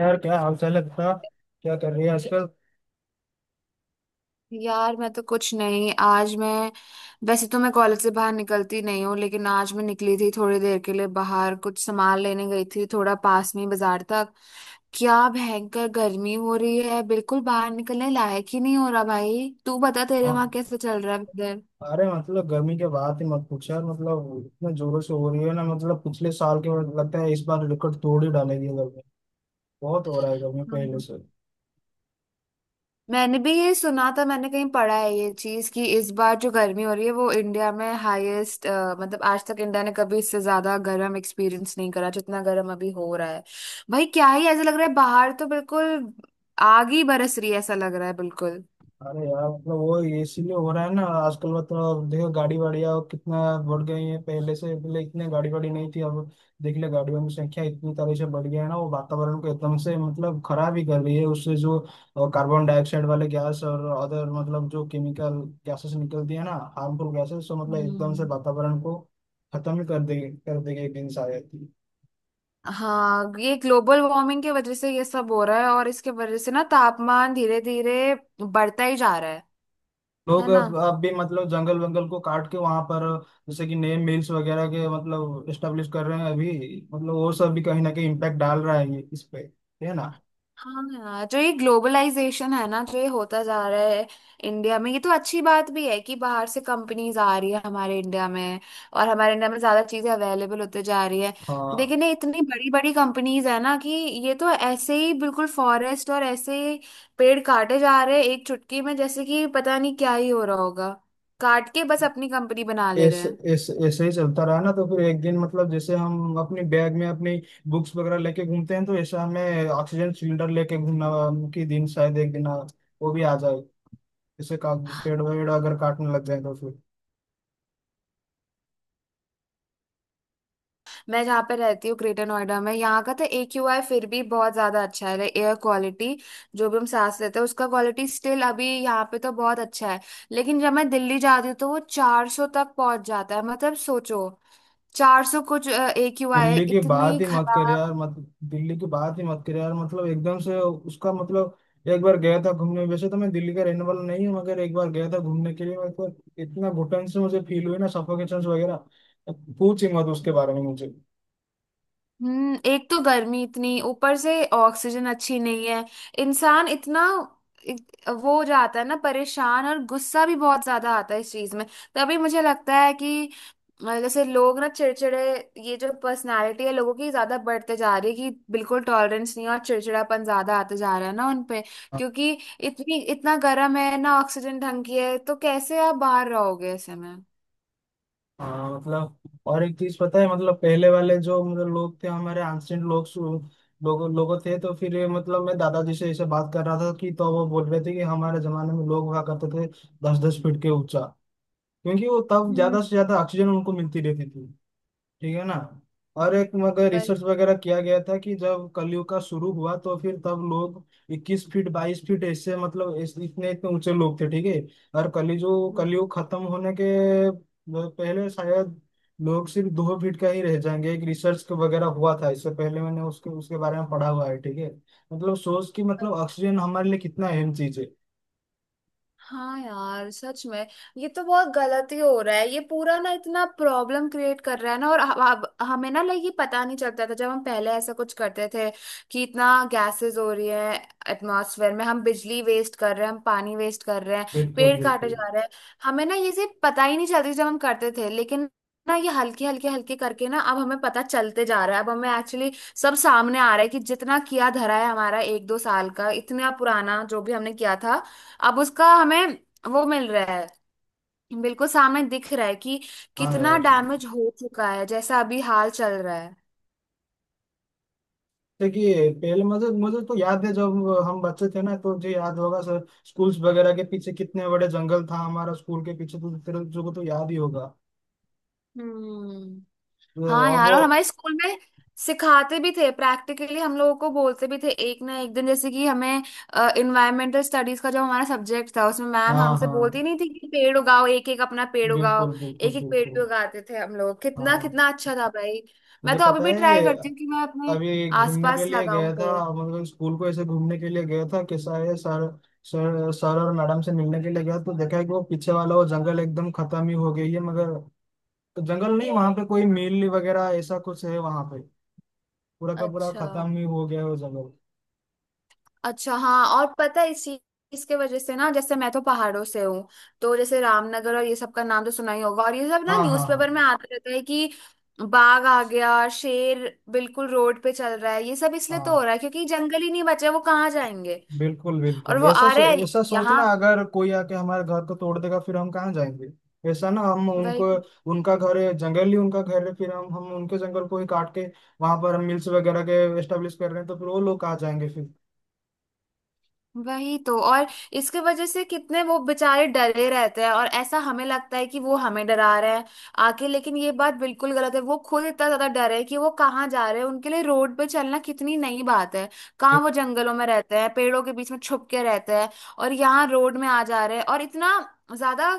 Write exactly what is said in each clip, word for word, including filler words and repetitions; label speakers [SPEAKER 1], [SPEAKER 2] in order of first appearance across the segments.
[SPEAKER 1] यार क्या हाल चाल है बता। क्या कर रही है आजकल।
[SPEAKER 2] यार, मैं तो कुछ नहीं, आज मैं वैसे तो मैं कॉलेज से बाहर निकलती नहीं हूँ, लेकिन आज मैं निकली थी थोड़ी देर के लिए बाहर, कुछ सामान लेने गई थी थोड़ा, पास में ही बाजार तक। क्या भयंकर गर्मी हो रही है, बिल्कुल बाहर निकलने लायक ही नहीं हो रहा। भाई, तू बता तेरे वहां
[SPEAKER 1] हाँ।
[SPEAKER 2] कैसे चल रहा है इधर।
[SPEAKER 1] अरे मतलब गर्मी के बाद ही मत पूछ यार। मतलब इतने जोरों से हो रही है ना। मतलब पिछले साल के बाद लगता है इस बार रिकॉर्ड तोड़ ही डालेगी गर्मी। बहुत हो रहा है गर्मी पहले से।
[SPEAKER 2] मैंने भी ये सुना था, मैंने कहीं पढ़ा है ये चीज कि इस बार जो गर्मी हो रही है वो इंडिया में हाईएस्ट। मतलब आज तक इंडिया ने कभी इससे ज्यादा गर्म एक्सपीरियंस नहीं करा जितना गर्म अभी हो रहा है। भाई, क्या ही ऐसा लग रहा है, बाहर तो बिल्कुल आग ही बरस रही है, ऐसा लग रहा है बिल्कुल।
[SPEAKER 1] अरे यार मतलब वो इसीलिए हो रहा है ना आजकल। मतलब देखो गाड़ी वाड़ियाँ कितना बढ़ गई है पहले से। पहले इतने गाड़ी वाड़ी नहीं थी अब। देख ले गाड़ियों की संख्या इतनी तरह से बढ़ गया है ना। वो वातावरण को एकदम से मतलब खराब ही कर रही है। उससे जो अ, कार्बन डाइऑक्साइड वाले गैस और अदर मतलब जो केमिकल गैसेस निकलती है ना। हार्मफुल गैसेस तो मतलब एकदम से
[SPEAKER 2] हम्म।
[SPEAKER 1] वातावरण को खत्म ही कर देगी कर देगी एक दिन शायद।
[SPEAKER 2] हाँ, ये ग्लोबल वार्मिंग की वजह से ये सब हो रहा है, और इसके वजह से ना तापमान धीरे धीरे बढ़ता ही जा रहा है। है
[SPEAKER 1] लोग
[SPEAKER 2] ना।
[SPEAKER 1] अब अब भी मतलब जंगल वंगल को काट के वहां पर जैसे कि नए मिल्स वगैरह के मतलब स्टेब्लिश कर रहे हैं अभी। मतलब वो सब भी कहीं ना कहीं इम्पैक्ट डाल रहा है ये इस पे। है ना।
[SPEAKER 2] हाँ यार, जो ये ग्लोबलाइजेशन है ना जो ये होता जा रहा है इंडिया में, ये तो अच्छी बात भी है कि बाहर से कंपनीज आ रही है हमारे इंडिया में, और हमारे इंडिया में ज्यादा चीजें अवेलेबल होते जा रही है।
[SPEAKER 1] हाँ।
[SPEAKER 2] लेकिन ये इतनी बड़ी बड़ी कंपनीज है ना कि ये तो ऐसे ही बिल्कुल फॉरेस्ट और ऐसे ही पेड़ काटे जा रहे हैं, एक चुटकी में, जैसे कि पता नहीं क्या ही हो रहा होगा, काट के बस अपनी कंपनी बना ले रहे
[SPEAKER 1] ऐस,
[SPEAKER 2] हैं।
[SPEAKER 1] ऐस, ऐसे ही चलता रहा ना तो फिर एक दिन मतलब जैसे हम अपनी बैग में अपनी बुक्स वगैरह लेके घूमते हैं तो ऐसा हमें ऑक्सीजन सिलेंडर लेके घूमना कि दिन शायद एक दिन आ- वो भी आ जाए। जैसे का पेड़ वेड़ अगर काटने लग जाए तो फिर।
[SPEAKER 2] मैं जहाँ पे रहती हूँ ग्रेटर नोएडा में, यहाँ का तो ए क्यू आई फिर भी बहुत ज्यादा अच्छा है। एयर क्वालिटी जो भी हम सांस लेते हैं उसका क्वालिटी स्टिल अभी यहाँ पे तो बहुत अच्छा है। लेकिन जब मैं दिल्ली जाती हूँ तो वो चार सौ तक पहुंच जाता है, मतलब सोचो, चार सौ कुछ ए क्यू आई है,
[SPEAKER 1] दिल्ली की
[SPEAKER 2] इतनी
[SPEAKER 1] बात ही मत कर
[SPEAKER 2] खराब।
[SPEAKER 1] यार मत दिल्ली की बात ही मत कर यार। मतलब एकदम से उसका मतलब एक बार गया था घूमने। वैसे तो मैं दिल्ली का रहने वाला नहीं हूँ मगर एक बार गया था घूमने के लिए। मतलब इतना घुटन से मुझे फील हुई ना सफोकेशन वगैरह तो पूछ ही मत उसके बारे में मुझे।
[SPEAKER 2] हम्म, एक तो गर्मी इतनी, ऊपर से ऑक्सीजन अच्छी नहीं है, इंसान इतना इत- वो हो जाता है ना परेशान, और गुस्सा भी बहुत ज्यादा आता है इस चीज में। तभी मुझे लगता है कि अ, जैसे लोग ना चिड़चिड़े, ये जो पर्सनालिटी है लोगों की ज्यादा बढ़ते जा रही है कि बिल्कुल टॉलरेंस नहीं है, और चिड़चिड़ापन ज्यादा आते जा रहा है ना उनपे, क्योंकि इतनी इतना गर्म है ना, ऑक्सीजन ढंग की है तो कैसे आप बाहर रहोगे ऐसे में।
[SPEAKER 1] हाँ मतलब। और एक चीज पता है मतलब पहले वाले जो मतलब लोग थे हमारे एंशियंट लोग। लोगों लोगों थे तो फिर ये मतलब मैं दादाजी से ऐसे बात कर रहा था कि तो वो बोल रहे थे कि हमारे जमाने में लोग हुआ करते थे दस दस फीट के ऊंचा। क्योंकि वो तब
[SPEAKER 2] हम्म।
[SPEAKER 1] ज्यादा से ज्यादा ऑक्सीजन उनको मिलती रहती थी। ठीक है ना। और एक मगर
[SPEAKER 2] वही।
[SPEAKER 1] रिसर्च वगैरह किया गया था कि जब कलयुग का शुरू हुआ तो फिर तब लोग 21 फीट 22 फीट ऐसे मतलब ऐसे- इतने इतने ऊंचे लोग थे। ठीक है। और कली जो
[SPEAKER 2] हम्म।
[SPEAKER 1] कलयुग खत्म होने के पहले शायद लोग सिर्फ दो फीट का ही रह जाएंगे। एक रिसर्च के वगैरह हुआ था इससे पहले मैंने उसके उसके बारे में पढ़ा हुआ है। ठीक है। मतलब सोच कि मतलब ऑक्सीजन हमारे लिए कितना अहम चीज है।
[SPEAKER 2] हाँ यार, सच में ये तो बहुत गलत ही हो रहा है, ये पूरा ना इतना प्रॉब्लम क्रिएट कर रहा है ना। और अब हमें ना, लाइक, ये पता नहीं चलता था जब हम पहले ऐसा कुछ करते थे कि इतना गैसेस हो रही है एटमॉस्फेयर में, हम बिजली वेस्ट कर रहे हैं, हम पानी वेस्ट कर रहे हैं,
[SPEAKER 1] बिल्कुल
[SPEAKER 2] पेड़ काटे
[SPEAKER 1] बिल्कुल।
[SPEAKER 2] जा रहे हैं। हमें ना ये चीज पता ही नहीं चलती थी जब हम करते थे, लेकिन ना ये हल्के हल्के हल्के करके ना अब हमें पता चलते जा रहा है, अब हमें एक्चुअली सब सामने आ रहा है कि जितना किया धरा है हमारा एक दो साल का इतना पुराना जो भी हमने किया था, अब उसका हमें वो मिल रहा है, बिल्कुल सामने दिख रहा है कि
[SPEAKER 1] हाँ
[SPEAKER 2] कितना
[SPEAKER 1] यार।
[SPEAKER 2] डैमेज हो चुका है जैसा अभी हाल चल रहा है।
[SPEAKER 1] देखिए पहले मुझे मुझे तो याद है जब हम बच्चे थे ना तो मुझे याद होगा सर स्कूल्स वगैरह के पीछे कितने बड़े जंगल था हमारा स्कूल के पीछे। तो तेरे को तो याद ही होगा।
[SPEAKER 2] हम्म।
[SPEAKER 1] तो
[SPEAKER 2] हाँ
[SPEAKER 1] अब
[SPEAKER 2] यार,
[SPEAKER 1] वो।
[SPEAKER 2] और हमारे स्कूल में सिखाते भी थे प्रैक्टिकली, हम लोगों को बोलते भी थे एक ना एक दिन, जैसे कि हमें इन्वायरमेंटल स्टडीज का जो हमारा सब्जेक्ट था उसमें मैम
[SPEAKER 1] हाँ
[SPEAKER 2] हमसे
[SPEAKER 1] हाँ
[SPEAKER 2] बोलती नहीं थी कि पेड़ उगाओ, एक एक अपना पेड़ उगाओ।
[SPEAKER 1] बिल्कुल
[SPEAKER 2] एक
[SPEAKER 1] बिल्कुल
[SPEAKER 2] एक पेड़
[SPEAKER 1] बिल्कुल।
[SPEAKER 2] भी उगाते थे हम लोग, कितना
[SPEAKER 1] हाँ।
[SPEAKER 2] कितना अच्छा था भाई। मैं
[SPEAKER 1] मुझे
[SPEAKER 2] तो अभी
[SPEAKER 1] पता
[SPEAKER 2] भी
[SPEAKER 1] है।
[SPEAKER 2] ट्राई करती हूँ कि मैं अपने
[SPEAKER 1] अभी घूमने के
[SPEAKER 2] आसपास
[SPEAKER 1] लिए
[SPEAKER 2] लगाऊं
[SPEAKER 1] गया था।
[SPEAKER 2] पेड़।
[SPEAKER 1] मतलब स्कूल को ऐसे घूमने के लिए गया था। कैसा है सर सर सर और मैडम से मिलने के लिए गया तो देखा है कि वो पीछे वाला वो जंगल एकदम खत्म ही हो गई है मगर। तो जंगल नहीं वहां पे कोई मिल वगैरह ऐसा कुछ है वहां पे। पूरा का पूरा
[SPEAKER 2] अच्छा,
[SPEAKER 1] खत्म ही हो गया है वो जंगल।
[SPEAKER 2] अच्छा। हाँ, और पता है इस चीज, इसके वजह से ना, जैसे मैं तो पहाड़ों से हूँ, तो जैसे रामनगर और ये सब का नाम तो सुना ही होगा, और ये सब ना
[SPEAKER 1] हाँ हाँ हाँ
[SPEAKER 2] न्यूज़पेपर में आता रहता है कि बाघ आ गया, शेर बिल्कुल रोड पे चल रहा है। ये सब इसलिए तो हो
[SPEAKER 1] हाँ।
[SPEAKER 2] रहा है क्योंकि जंगल ही नहीं बचे, वो कहाँ जाएंगे,
[SPEAKER 1] बिल्कुल
[SPEAKER 2] और
[SPEAKER 1] बिल्कुल।
[SPEAKER 2] वो
[SPEAKER 1] ऐसा
[SPEAKER 2] आ रहे
[SPEAKER 1] सो,
[SPEAKER 2] हैं
[SPEAKER 1] ऐसा सोचना
[SPEAKER 2] यहाँ।
[SPEAKER 1] अगर कोई आके हमारे घर को तोड़ देगा फिर हम कहाँ जाएंगे। ऐसा ना हम उनको।
[SPEAKER 2] वही।
[SPEAKER 1] उनका घर है जंगल ही उनका घर है फिर हम हम उनके जंगल को ही काट के वहां पर हम मिल्स वगैरह के एस्टेब्लिश कर रहे हैं तो फिर वो लोग कहाँ जाएंगे फिर।
[SPEAKER 2] वही तो, और इसके वजह से कितने वो बेचारे डरे रहते हैं, और ऐसा हमें लगता है कि वो हमें डरा रहे हैं आके, लेकिन ये बात बिल्कुल गलत है। वो खुद इतना ज्यादा डरे हैं कि वो कहाँ जा रहे हैं, उनके लिए रोड पे चलना कितनी नई बात है। कहाँ वो जंगलों में रहते हैं, पेड़ों के बीच में छुप के रहते हैं, और यहाँ रोड में आ जा रहे हैं। और इतना ज्यादा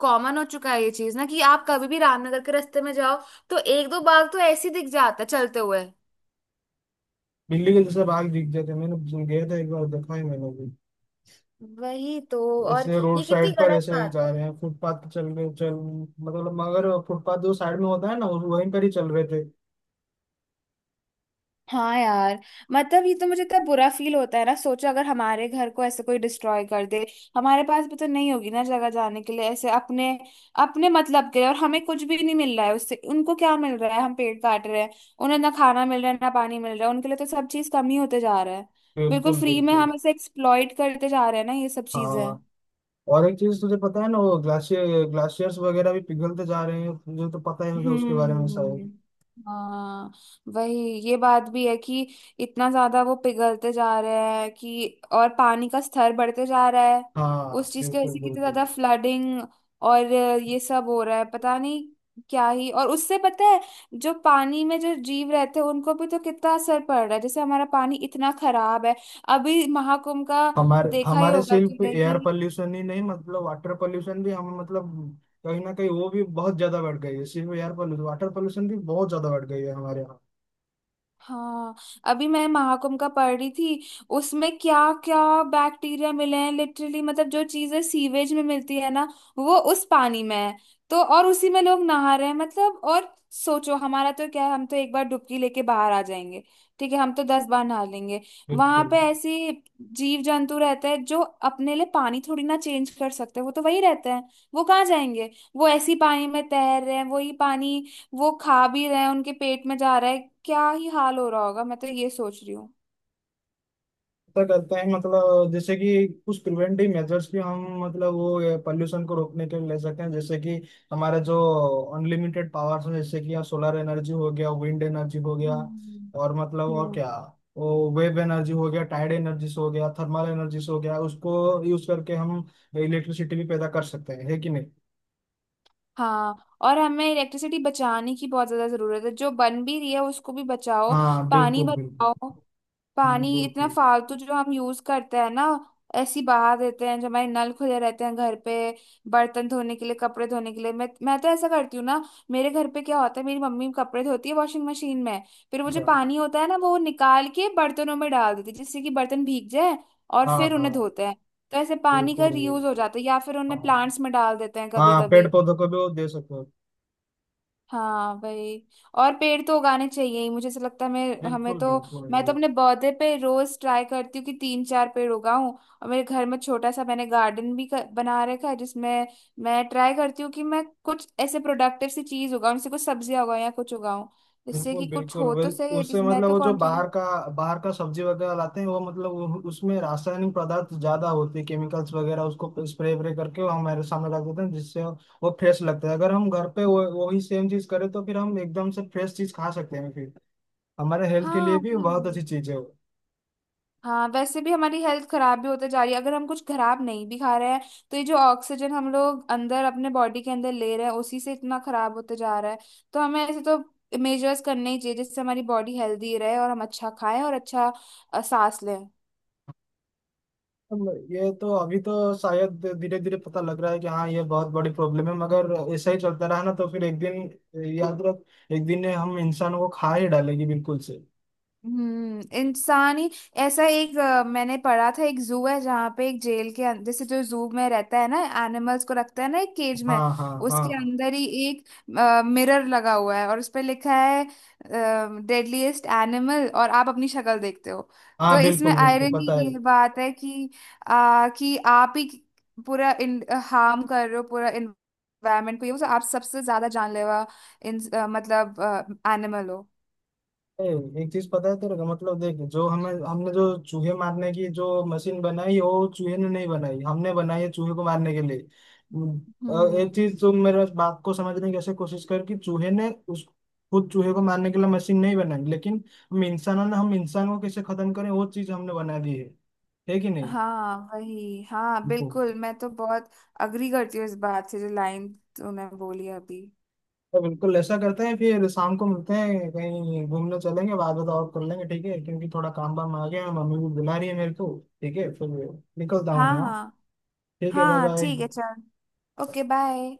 [SPEAKER 2] कॉमन हो चुका है ये चीज ना कि आप कभी भी रामनगर के रास्ते में जाओ तो एक दो बाघ तो ऐसे ही दिख जाता है चलते हुए।
[SPEAKER 1] बिल्ली के जैसे भाग दिख जाते हैं। मैंने गया था एक बार देखा है मैंने भी।
[SPEAKER 2] वही तो। और
[SPEAKER 1] ऐसे रोड
[SPEAKER 2] ये कितनी
[SPEAKER 1] साइड पर
[SPEAKER 2] गलत
[SPEAKER 1] ऐसे ही
[SPEAKER 2] बात
[SPEAKER 1] जा
[SPEAKER 2] है।
[SPEAKER 1] रहे हैं फुटपाथ पे चल रहे चल। मतलब मगर फुटपाथ जो साइड में होता है ना वो- वहीं पर ही चल रहे थे।
[SPEAKER 2] हाँ यार, मतलब ये तो मुझे इतना बुरा फील होता है ना, सोचो अगर हमारे घर को ऐसे कोई डिस्ट्रॉय कर दे, हमारे पास भी तो नहीं होगी ना जगह जाने के लिए ऐसे अपने अपने मतलब के लिए। और हमें कुछ भी नहीं मिल रहा है उससे, उनको क्या मिल रहा है, हम पेड़ काट रहे हैं, उन्हें ना खाना मिल रहा है ना पानी मिल रहा है, उनके लिए तो सब चीज कम ही होते जा रहा है। बिल्कुल
[SPEAKER 1] बिल्कुल
[SPEAKER 2] फ्री में
[SPEAKER 1] बिल्कुल।
[SPEAKER 2] हम ऐसे एक्सप्लॉइट करते जा रहे हैं ना ये सब चीजें।
[SPEAKER 1] हाँ और एक चीज तुझे पता है ना वो ग्लाशियर ग्लाशियर्स वगैरह भी पिघलते जा रहे हैं। तुझे तो पता ही होगा उसके बारे में
[SPEAKER 2] हम्म।
[SPEAKER 1] शायद।
[SPEAKER 2] हाँ वही, ये बात भी है कि इतना ज्यादा वो पिघलते जा रहे हैं कि और पानी का स्तर बढ़ते जा रहा है।
[SPEAKER 1] हाँ
[SPEAKER 2] उस चीज की वजह
[SPEAKER 1] बिल्कुल
[SPEAKER 2] से कितनी
[SPEAKER 1] बिल्कुल।
[SPEAKER 2] ज्यादा फ्लडिंग और ये सब हो रहा है, पता नहीं क्या ही। और उससे पता है, जो पानी में जो जीव रहते हैं उनको भी तो कितना असर पड़ रहा है। जैसे हमारा पानी इतना खराब है, अभी महाकुंभ का
[SPEAKER 1] हमारे
[SPEAKER 2] देखा ही
[SPEAKER 1] हमारे
[SPEAKER 2] होगा
[SPEAKER 1] सिर्फ
[SPEAKER 2] तूने
[SPEAKER 1] एयर
[SPEAKER 2] कि
[SPEAKER 1] पोल्यूशन ही नहीं मतलब वाटर पोल्यूशन भी हम मतलब कहीं ना कहीं वो भी बहुत ज्यादा बढ़ गई है। सिर्फ एयर पोल्यूशन वाटर पोल्यूशन भी बहुत ज्यादा बढ़ गई है हमारे यहाँ।
[SPEAKER 2] हाँ, अभी मैं महाकुंभ का पढ़ रही थी, उसमें क्या क्या बैक्टीरिया मिले हैं लिटरली। मतलब जो चीजें सीवेज में मिलती है ना, वो उस पानी में है, तो और उसी में लोग नहा रहे हैं। मतलब और सोचो, हमारा तो क्या है, हम तो एक बार डुबकी लेके बाहर आ जाएंगे, ठीक है हम तो दस बार नहा लेंगे, वहां
[SPEAKER 1] बिल्कुल।
[SPEAKER 2] पे ऐसे जीव जंतु रहते हैं जो अपने लिए पानी थोड़ी ना चेंज कर सकते, वो तो वही रहते हैं, वो कहाँ जाएंगे। वो ऐसी पानी में तैर रहे हैं, वही पानी वो खा भी रहे हैं, उनके पेट में जा रहा है, क्या ही हाल हो रहा होगा मैं तो ये सोच रही हूँ।
[SPEAKER 1] ऐसा करते हैं मतलब जैसे कि कुछ प्रिवेंटिव मेजर्स भी हम मतलब वो पॉल्यूशन को रोकने के लिए ले सकते हैं जैसे कि हमारा जो अनलिमिटेड पावर्स है जैसे कि सोलर एनर्जी हो गया विंड एनर्जी हो गया।
[SPEAKER 2] हम्म।
[SPEAKER 1] और मतलब और क्या।
[SPEAKER 2] हम्म।
[SPEAKER 1] वो वेव एनर्जी हो गया टाइड एनर्जी हो गया थर्मल एनर्जी हो गया उसको यूज करके हम इलेक्ट्रिसिटी भी पैदा कर सकते हैं है कि नहीं।
[SPEAKER 2] हाँ, और हमें इलेक्ट्रिसिटी बचाने की बहुत ज्यादा जरूरत है, जो बन भी रही है उसको भी बचाओ।
[SPEAKER 1] हाँ
[SPEAKER 2] पानी
[SPEAKER 1] बिल्कुल बिल्कुल।
[SPEAKER 2] बचाओ,
[SPEAKER 1] हम्म,
[SPEAKER 2] पानी इतना
[SPEAKER 1] बिल्कुल।
[SPEAKER 2] फालतू जो हम यूज करते हैं ना, ऐसी बहा देते हैं, जो हमारे नल खुले रहते हैं घर पे बर्तन धोने के लिए, कपड़े धोने के लिए। मैं मैं तो ऐसा करती हूँ ना, मेरे घर पे क्या होता है, मेरी मम्मी कपड़े धोती है वॉशिंग मशीन में, फिर वो जो
[SPEAKER 1] अच्छा।
[SPEAKER 2] पानी होता है ना वो निकाल के बर्तनों में डाल देती है जिससे कि बर्तन भीग जाए, और
[SPEAKER 1] हाँ
[SPEAKER 2] फिर उन्हें
[SPEAKER 1] हाँ।
[SPEAKER 2] धोते हैं। तो ऐसे पानी का
[SPEAKER 1] बिल्कुल
[SPEAKER 2] रीयूज हो
[SPEAKER 1] बिल्कुल।
[SPEAKER 2] जाता है, या फिर उन्हें
[SPEAKER 1] हाँ।
[SPEAKER 2] प्लांट्स में डाल देते हैं कभी
[SPEAKER 1] हाँ पेड़
[SPEAKER 2] कभी।
[SPEAKER 1] पौधों को भी वो दे सकते हो।
[SPEAKER 2] हाँ वही। और पेड़ तो उगाने चाहिए ही, मुझे ऐसा लगता है। मैं हमें
[SPEAKER 1] बिल्कुल
[SPEAKER 2] तो
[SPEAKER 1] बिल्कुल
[SPEAKER 2] मैं तो
[SPEAKER 1] भाई।
[SPEAKER 2] अपने पौधे पे रोज ट्राई करती हूँ कि तीन चार पेड़ उगाऊं, और मेरे घर में छोटा सा मैंने गार्डन भी कर, बना रखा है, जिसमें मैं ट्राई करती हूँ कि मैं कुछ ऐसे प्रोडक्टिव सी चीज उगाऊं, जैसे कुछ सब्जियां उगाऊं या कुछ उगाऊं, जिससे
[SPEAKER 1] बिल्कुल
[SPEAKER 2] कि कुछ
[SPEAKER 1] बिल्कुल
[SPEAKER 2] हो
[SPEAKER 1] वे-
[SPEAKER 2] तो सही है,
[SPEAKER 1] उससे
[SPEAKER 2] जिस मैं
[SPEAKER 1] मतलब
[SPEAKER 2] तो
[SPEAKER 1] वो जो बाहर
[SPEAKER 2] कॉन्ट्रीब्यूट।
[SPEAKER 1] का बाहर का सब्जी वगैरह लाते हैं वो मतलब उ- उसमें रासायनिक पदार्थ ज्यादा होते हैं। केमिकल्स वगैरह उसको स्प्रे व्रे करके वो हमारे सामने रख देते हैं जिससे वो फ्रेश लगता है। अगर हम घर पे वो वही सेम चीज करें तो फिर हम एकदम से फ्रेश चीज खा सकते हैं फिर। हमारे हेल्थ के
[SPEAKER 2] हाँ
[SPEAKER 1] लिए भी बहुत
[SPEAKER 2] वही।
[SPEAKER 1] अच्छी चीज है वो।
[SPEAKER 2] हाँ, वैसे भी हमारी हेल्थ खराब भी होते जा रही है, अगर हम कुछ खराब नहीं भी खा रहे हैं, तो ये जो ऑक्सीजन हम लोग अंदर अपने बॉडी के अंदर ले रहे हैं उसी से इतना खराब होते जा रहा है। तो हमें ऐसे तो मेजर्स करने ही चाहिए जिससे हमारी बॉडी हेल्दी रहे, और हम अच्छा खाएं और अच्छा अ, सांस लें।
[SPEAKER 1] मतलब ये तो अभी तो शायद धीरे धीरे पता लग रहा है कि हाँ ये बहुत बड़ी प्रॉब्लम है मगर ऐसा ही चलता रहा ना तो फिर एक दिन याद रख एक दिन हम इंसानों को खा ही डालेगी बिल्कुल से।
[SPEAKER 2] हम्म, इंसानी, ऐसा एक अ, मैंने पढ़ा था, एक जू है जहाँ पे एक जेल के अंदर, जैसे जो जू में रहता है ना, एनिमल्स को रखता है ना एक केज
[SPEAKER 1] हाँ
[SPEAKER 2] में,
[SPEAKER 1] हाँ हाँ
[SPEAKER 2] उसके
[SPEAKER 1] हाँ
[SPEAKER 2] अंदर ही एक मिरर लगा हुआ है, और उस पे लिखा है डेडलीस्ट एनिमल, और आप अपनी शक्ल देखते हो। तो
[SPEAKER 1] हाँ
[SPEAKER 2] इसमें
[SPEAKER 1] बिल्कुल बिल्कुल
[SPEAKER 2] आयरनी
[SPEAKER 1] पता है।
[SPEAKER 2] ये बात है कि आ, कि आप ही पूरा हार्म कर रहे हो पूरा इन्वायरमेंट को, ये वो आप सबसे ज्यादा जानलेवा इन अ, मतलब एनिमल हो।
[SPEAKER 1] ए, एक चीज पता है तेरे को मतलब देख जो हमें हमने जो चूहे मारने की जो मशीन बनाई वो चूहे ने नहीं बनाई हमने बनाई है चूहे को मारने के लिए। उम, और एक
[SPEAKER 2] हम्म।
[SPEAKER 1] चीज तुम मेरे बात को समझने की ऐसे कोशिश कर कि चूहे ने उस खुद चूहे को मारने के लिए मशीन नहीं बनाई लेकिन हम इंसानों ने हम इंसान को कैसे खत्म करें वो चीज हमने बना दी है। है कि नहीं।
[SPEAKER 2] हाँ वही, हाँ
[SPEAKER 1] बिल्कुल।
[SPEAKER 2] बिल्कुल, मैं तो बहुत अग्री करती हूँ इस बात से, जो लाइन तूने बोली अभी।
[SPEAKER 1] तो बिल्कुल ऐसा करते हैं फिर शाम को मिलते हैं कहीं घूमने चलेंगे बाद में तो और कर लेंगे। ठीक है क्योंकि थोड़ा काम वाम आ गया है मम्मी भी बुला रही है मेरे को। ठीक है फिर। निकलता हूँ
[SPEAKER 2] हाँ,
[SPEAKER 1] मैं हाँ?
[SPEAKER 2] हाँ,
[SPEAKER 1] ठीक है बाय
[SPEAKER 2] हाँ।
[SPEAKER 1] बाय।
[SPEAKER 2] ठीक है चल, ओके बाय।